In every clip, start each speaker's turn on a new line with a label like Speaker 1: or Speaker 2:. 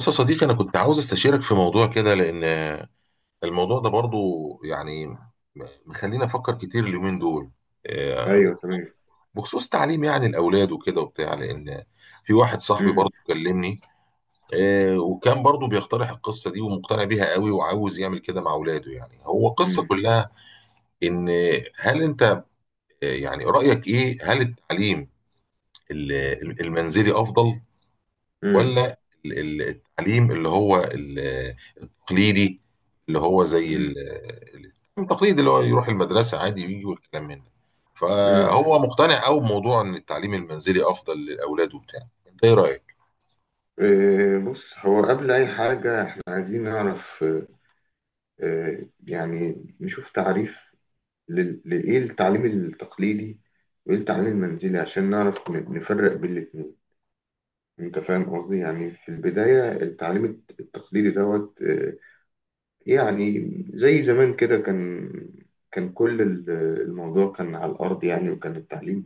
Speaker 1: بص يا صديقي، أنا كنت عاوز استشيرك في موضوع كده لأن الموضوع ده برضو يعني مخليني أفكر كتير اليومين دول، آه،
Speaker 2: ايوه، تمام.
Speaker 1: بخصوص تعليم يعني الأولاد وكده وبتاع، لأن في واحد صاحبي
Speaker 2: امم.
Speaker 1: برضو كلمني. وكان برضو بيقترح القصة دي ومقتنع بيها قوي وعاوز يعمل كده مع أولاده، يعني هو القصة
Speaker 2: امم.
Speaker 1: كلها. إن هل أنت يعني رأيك إيه، هل التعليم المنزلي أفضل،
Speaker 2: امم.
Speaker 1: ولا التعليم اللي هو التقليدي، اللي هو زي
Speaker 2: امم.
Speaker 1: ال- التقليد، اللي هو يروح المدرسة عادي ويجي والكلام من ده؟
Speaker 2: امم.
Speaker 1: فهو مقتنع قوي بموضوع ان التعليم المنزلي افضل للاولاد وبتاع. انت ايه رايك؟
Speaker 2: بص، هو قبل اي حاجه احنا عايزين نعرف، يعني نشوف تعريف لايه التعليم التقليدي، وايه التعليم المنزلي، عشان نعرف نفرق بين الاثنين. انت فاهم قصدي؟ يعني في البدايه التعليم التقليدي دوت، يعني زي زمان كده، كان كل الموضوع كان على الأرض يعني، وكان التعليم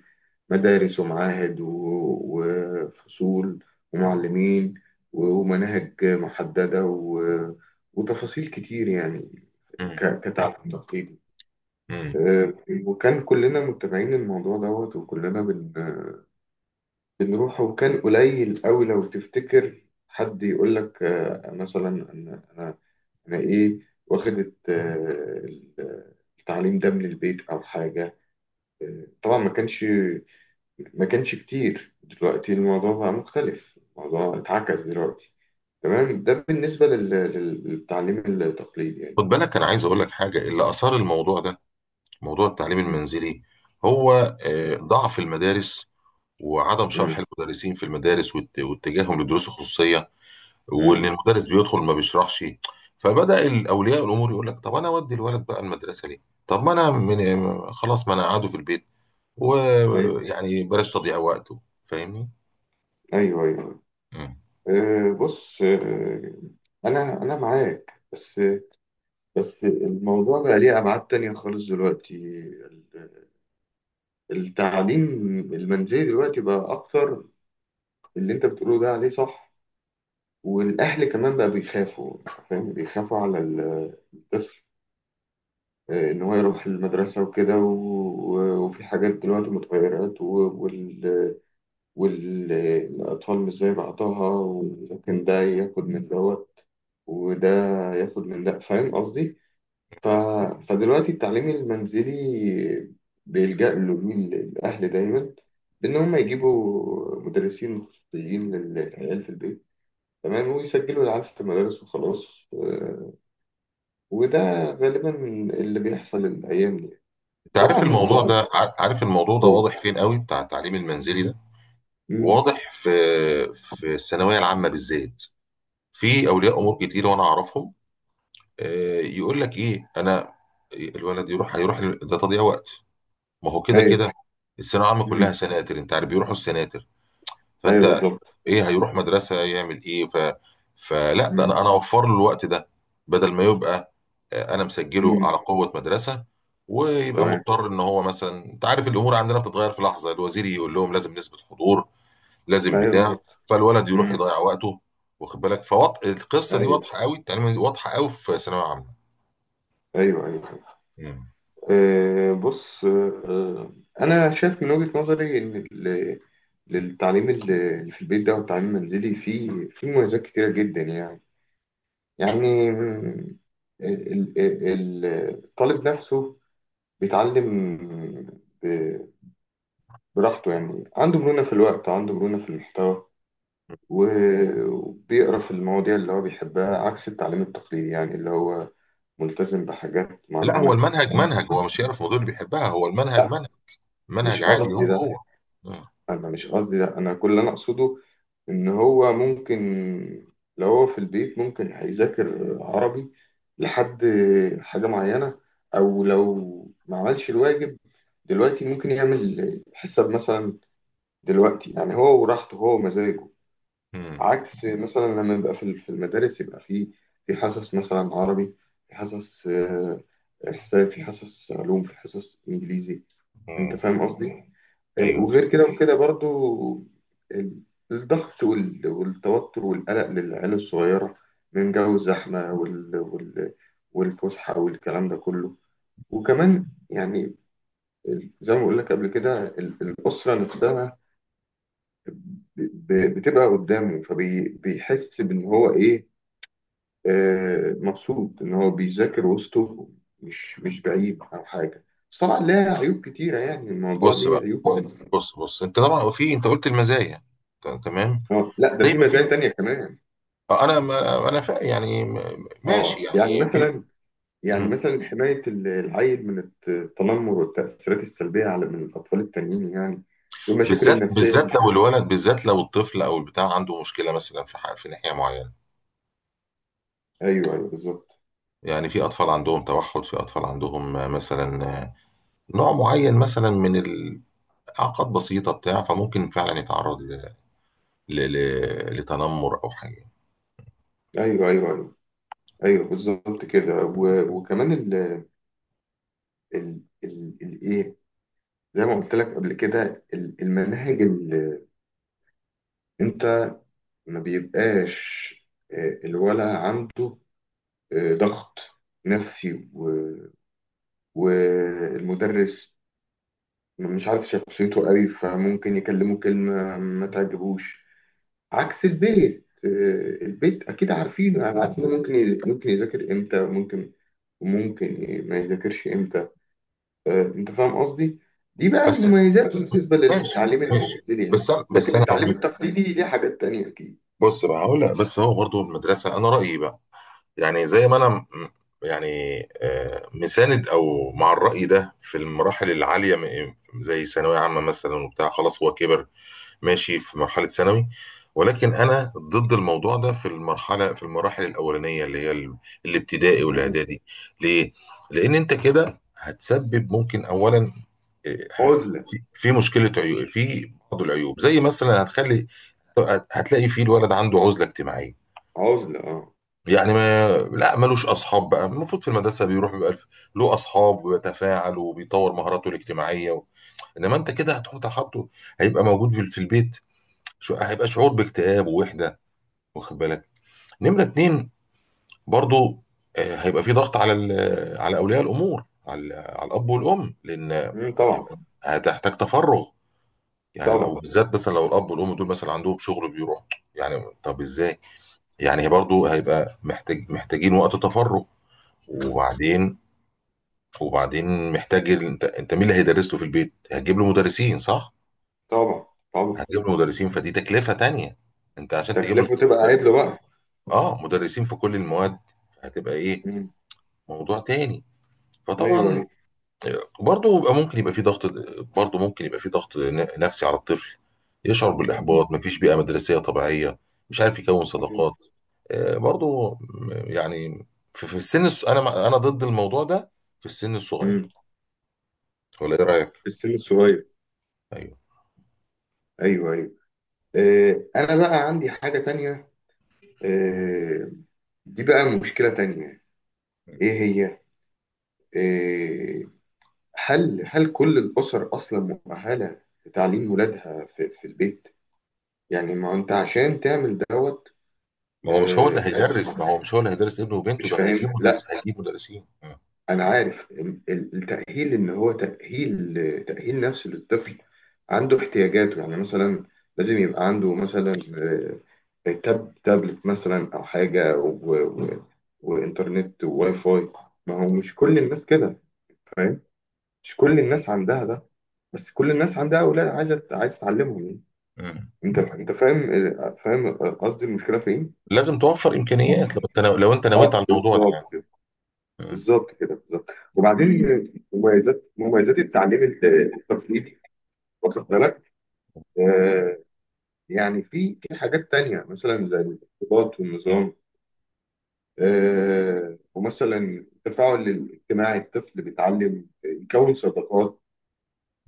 Speaker 2: مدارس ومعاهد وفصول ومعلمين ومناهج محددة وتفاصيل كتير يعني،
Speaker 1: امم.
Speaker 2: كتعليم تقليدي.
Speaker 1: امم.
Speaker 2: آه، وكان كلنا متابعين الموضوع دوت، وكلنا بنروح. وكان قليل قوي لو تفتكر، حد يقول لك مثلا أنا أنا انا ايه، واخدت التعليم ده من البيت او حاجه. طبعا ما كانش كتير. دلوقتي الموضوع بقى مختلف، الموضوع اتعكس دلوقتي تمام. ده بالنسبه للتعليم التقليدي يعني.
Speaker 1: خد بالك، انا عايز اقول لك حاجه، اللي اثار الموضوع ده، موضوع التعليم
Speaker 2: مم.
Speaker 1: المنزلي، هو ضعف المدارس، وعدم شرح
Speaker 2: مم.
Speaker 1: المدرسين في المدارس واتجاههم للدروس الخصوصيه، وان
Speaker 2: مم.
Speaker 1: المدرس بيدخل ما بيشرحش. فبدا الاولياء الامور يقول لك طب انا اودي الولد بقى المدرسه ليه؟ طب ما انا من خلاص، ما انا قاعده في البيت،
Speaker 2: ايوه،
Speaker 1: ويعني بلاش تضييع وقته، فاهمني؟
Speaker 2: ايوه، ايوه.
Speaker 1: مم.
Speaker 2: بص، انا معاك، بس الموضوع بقى ليه ابعاد تانية خالص دلوقتي. التعليم المنزلي دلوقتي بقى اكتر، اللي انت بتقوله ده عليه صح. والاهل كمان بقى بيخافوا، فاهم؟ بيخافوا على الطفل، ان هو يروح المدرسه وكده وفي حاجات دلوقتي متغيرات، والاطفال مش زي بعضها، وممكن ده ياخد من دوت وده ياخد من ده، فاهم قصدي؟ ف... فدلوقتي التعليم المنزلي بيلجأ له مين؟ الاهل دايما، ان هم يجيبوا مدرسين خصوصيين للعيال في البيت تمام، ويسجلوا العيال في المدارس وخلاص. وده غالبا اللي بيحصل الأيام دي.
Speaker 1: انت عارف
Speaker 2: طبعا
Speaker 1: الموضوع
Speaker 2: بقى.
Speaker 1: ده ع- عارف الموضوع ده واضح فين قوي بتاع التعليم المنزلي ده.
Speaker 2: مم.
Speaker 1: واضح في الثانويه العامه بالذات. في اولياء امور كتير وانا اعرفهم، يقول لك ايه، انا الولد هيروح ده تضييع وقت، ما هو كده
Speaker 2: أيوه.
Speaker 1: كده الثانويه العامه
Speaker 2: مم.
Speaker 1: كلها سناتر، انت عارف بيروحوا السناتر.
Speaker 2: أيوه،
Speaker 1: فانت
Speaker 2: بالظبط.
Speaker 1: ايه، هيروح مدرسه يعمل ايه؟ ف فلا ده
Speaker 2: مم.
Speaker 1: انا اوفر له الوقت ده، بدل ما يبقى انا مسجله
Speaker 2: مم.
Speaker 1: على قوه مدرسه، ويبقى
Speaker 2: تمام.
Speaker 1: مضطر ان هو مثلا، انت عارف الامور عندنا بتتغير في لحظه، الوزير يقول لهم لازم نسبه حضور، لازم
Speaker 2: أيوه،
Speaker 1: بتاع،
Speaker 2: بالظبط.
Speaker 1: فالولد يروح
Speaker 2: مم.
Speaker 1: يضيع وقته. واخد بالك، فوط القصه دي
Speaker 2: أيوه،
Speaker 1: واضحه قوي، التعليم واضحه قوي في ثانويه عامه.
Speaker 2: أيوه، أيوه.
Speaker 1: مم.
Speaker 2: بص، أنا شايف من وجهة نظري إن للتعليم اللي في البيت ده، والتعليم المنزلي فيه مميزات كتيرة جدا يعني. يعني ال- ال- ال- الطالب نفسه بيتعلم ب- براحته يعني، عنده مرونة في الوقت، عنده مرونة في المحتوى، وبيقرأ في المواضيع اللي هو بيحبها، عكس التعليم التقليدي يعني، اللي هو ملتزم بحاجات
Speaker 1: لا، هو
Speaker 2: معينة.
Speaker 1: المنهج منهج، هو مش هيعرف الموضوع اللي بيحبها، هو المنهج
Speaker 2: لا،
Speaker 1: منهج
Speaker 2: مش
Speaker 1: منهج عادي، هو
Speaker 2: قصدي ده،
Speaker 1: هو. مم.
Speaker 2: أنا مش قصدي ده. أنا كل اللي أنا أقصده إن هو ممكن، لو هو في البيت ممكن هيذاكر عربي لحد حاجة معينة، أو لو ما عملش الواجب دلوقتي ممكن يعمل حساب مثلا دلوقتي، يعني هو وراحته هو ومزاجه.
Speaker 1: مم.
Speaker 2: عكس مثلا لما يبقى في في المدارس، يبقى في حصص مثلا عربي، في حصص حساب، في حصص علوم، في حصص انجليزي. انت
Speaker 1: مم.
Speaker 2: فاهم قصدي؟
Speaker 1: ايوه،
Speaker 2: وغير كده وكده برضو، ال- الضغط والتوتر والقلق للعيال الصغيرة، من جو الزحمة والفسحة والكلام ده كله. وكمان يعني، زي ما بقول لك قبل كده، الأسرة نفسها بتبقى قدامه، فبيحس بان هو ايه، مبسوط ان هو بيذاكر وسطه، مش بعيد او حاجه. بس طبعا لها عيوب كتيره يعني، الموضوع
Speaker 1: بص بقى،
Speaker 2: ليه عيوب خالص.
Speaker 1: بص بص، انت طبعا، في انت قلت المزايا، تمام،
Speaker 2: اه، لا، ده
Speaker 1: زي
Speaker 2: في
Speaker 1: ما
Speaker 2: مزايا
Speaker 1: في،
Speaker 2: تانية كمان.
Speaker 1: انا ما انا يعني ماشي
Speaker 2: اه يعني
Speaker 1: يعني في.
Speaker 2: مثلا،
Speaker 1: مم.
Speaker 2: حمايه العيل من التنمر والتاثيرات السلبيه، من الاطفال التانيين يعني، والمشاكل
Speaker 1: بالذات
Speaker 2: النفسيه.
Speaker 1: بالذات لو الولد، بالذات لو الطفل او البتاع عنده مشكله مثلا في في ناحيه معينه،
Speaker 2: ايوه، ايوه، بالظبط.
Speaker 1: يعني في اطفال عندهم توحد، في اطفال عندهم مثلا نوع معين مثلا من الاعاقات بسيطه بتاع، فممكن فعلا يتعرض لتنمر او حاجه.
Speaker 2: ايوه، ايوه، ايوه. ايوه، بالظبط كده. وكمان الايه، زي ما قلت لك قبل كده، المناهج اللي انت، ما بيبقاش الولد عنده ضغط نفسي، والمدرس مش عارف شخصيته قوي، فممكن يكلمه كلمة ما تعجبوش، عكس البيت. البيت أكيد عارفينه يعني، عارفين ممكن يذاكر إمتى، ممكن وممكن ما يذاكرش إمتى. انت فاهم قصدي؟ دي بقى
Speaker 1: بس،
Speaker 2: المميزات بالنسبه
Speaker 1: ماشي،
Speaker 2: للتعليم
Speaker 1: ماشي.
Speaker 2: المنزلي يعني،
Speaker 1: بس بس
Speaker 2: لكن
Speaker 1: انا
Speaker 2: التعليم
Speaker 1: هقول،
Speaker 2: التقليدي ليه حاجات تانية اكيد.
Speaker 1: بص بقى هقول لك، بس هو برضو المدرسه، انا رايي بقى، يعني زي ما انا يعني مساند او مع الرأي ده في المراحل العالية، زي ثانوية عامة مثلا وبتاع، خلاص هو كبر، ماشي في مرحلة ثانوي. ولكن انا ضد الموضوع ده في المراحل الأولانية، اللي هي الابتدائي
Speaker 2: مم.
Speaker 1: والاعدادي. ليه؟ لأن انت كده هتسبب ممكن اولا آه، هت
Speaker 2: عزله.
Speaker 1: في مشكلة، عيوب، في بعض العيوب، زي مثلا هتخلي، هتلاقي فيه الولد عنده عزلة اجتماعية،
Speaker 2: عزله. اه.
Speaker 1: يعني ما لا ملوش اصحاب بقى. المفروض في المدرسه بيروح بيبقى له اصحاب وبيتفاعل وبيطور مهاراته الاجتماعيه، انما انت كده هتحط، حاطه هيبقى موجود في البيت، هيبقى شعور باكتئاب ووحده، واخد بالك. نمره اتنين، برضو هيبقى في ضغط على على اولياء الامور، على الاب والام، لان
Speaker 2: مم، طبعا.
Speaker 1: انت هتحتاج تفرغ، يعني لو
Speaker 2: طبعا.
Speaker 1: بالذات مثلا لو الاب والام دول مثلا عندهم شغل بيروح، يعني طب ازاي، يعني برضو هيبقى محتاجين وقت تفرغ.
Speaker 2: مم،
Speaker 1: وبعدين، وبعدين محتاج انت مين اللي هيدرس له في البيت؟ هتجيب له مدرسين، صح؟
Speaker 2: طبعا. طبعا.
Speaker 1: هتجيب له مدرسين، فدي تكلفة تانية. انت عشان تجيب له
Speaker 2: تكلفه، تبقى
Speaker 1: مدرس-
Speaker 2: عدله بقى.
Speaker 1: اه مدرسين في كل المواد، هتبقى ايه،
Speaker 2: مم.
Speaker 1: موضوع تاني.
Speaker 2: ايوه،
Speaker 1: فطبعا
Speaker 2: ايوه.
Speaker 1: برضه يبقى ممكن يبقى في ضغط، برضه ممكن يبقى في ضغط نفسي على الطفل، يشعر بالإحباط، مفيش بيئة مدرسية طبيعية، مش عارف يكون
Speaker 2: أيوة.
Speaker 1: صداقات. برضه يعني في السن انا انا ضد الموضوع ده في السن الصغير،
Speaker 2: مم.
Speaker 1: ولا ايه رأيك؟
Speaker 2: في السن الصغير.
Speaker 1: ايوه.
Speaker 2: ايوه، ايوه. انا بقى عندي حاجه تانية، آه، دي بقى مشكله تانية. ايه هي؟ آه، هل كل الأسر أصلا مؤهلة لتعليم ولادها في البيت؟ يعني ما أنت عشان تعمل دوت يعني،
Speaker 1: ما هو مش هو اللي هيدرس ابنه وبنته،
Speaker 2: مش
Speaker 1: ده
Speaker 2: فاهم؟ لا،
Speaker 1: هيجيب مدرسين. مم.
Speaker 2: أنا عارف التأهيل، إن هو تأهيل نفسي للطفل، عنده احتياجاته. يعني مثلا لازم يبقى عنده مثلا تابلت مثلا أو حاجة، وإنترنت وواي فاي. ما هو مش كل الناس كده، فاهم؟ مش كل الناس عندها ده، بس كل الناس عندها اولاد عايز تعلمهم يعني.
Speaker 1: مم.
Speaker 2: انت فاهم، فاهم قصدي المشكله فين؟
Speaker 1: لازم توفر امكانيات لو انت، لو انت نويت على
Speaker 2: اه،
Speaker 1: الموضوع ده يعني.
Speaker 2: بالظبط كده،
Speaker 1: مم.
Speaker 2: بالظبط كده، بالظبط. وبعدين مميزات، التعليم التقليدي، واخد بالك؟ آه يعني في حاجات تانية مثلا، زي الارتباط والنظام. ومثلا التفاعل الاجتماعي، الطفل بيتعلم يكون صداقات،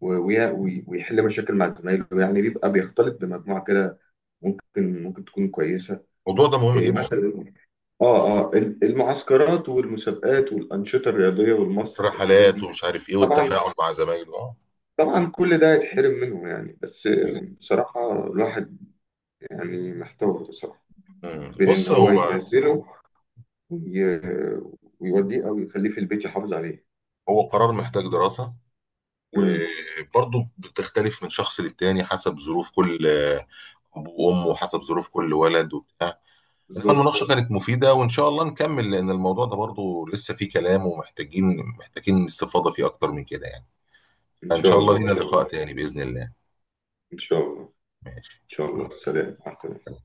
Speaker 2: ويحل مشاكل مع زمايله يعني، بيبقى بيختلط بمجموعة كده، ممكن تكون كويسة.
Speaker 1: الموضوع ده مهم
Speaker 2: إيه
Speaker 1: جدا.
Speaker 2: مثلا؟ اه المعسكرات والمسابقات والأنشطة الرياضية والمسرح والحاجات
Speaker 1: الرحلات
Speaker 2: دي.
Speaker 1: ومش عارف ايه،
Speaker 2: طبعا.
Speaker 1: والتفاعل مع زمايله، اه.
Speaker 2: طبعا، كل ده يتحرم منه يعني. بس بصراحة الواحد يعني محتار بصراحة،
Speaker 1: مم.
Speaker 2: بين إن
Speaker 1: بص،
Speaker 2: هو
Speaker 1: هو
Speaker 2: ينزله وي- ويوديه، أو يخليه في البيت يحافظ عليه.
Speaker 1: هو قرار محتاج دراسة،
Speaker 2: امم.
Speaker 1: وبرضه بتختلف من شخص للتاني حسب ظروف كل اب وام، وحسب ظروف كل ولد وبتاع. انما
Speaker 2: بالظبط.
Speaker 1: المناقشة كانت مفيدة، وان شاء الله نكمل، لان الموضوع ده برضه لسه فيه كلام، ومحتاجين، محتاجين استفاضة فيه اكتر من كده يعني.
Speaker 2: إن
Speaker 1: ان
Speaker 2: شاء
Speaker 1: شاء الله
Speaker 2: الله، إن
Speaker 1: لينا
Speaker 2: شاء الله.
Speaker 1: لقاء تاني باذن الله.
Speaker 2: إن شاء الله، إن
Speaker 1: ماشي،
Speaker 2: شاء
Speaker 1: مع
Speaker 2: الله.
Speaker 1: السلامه.
Speaker 2: سلام، مع السلامة.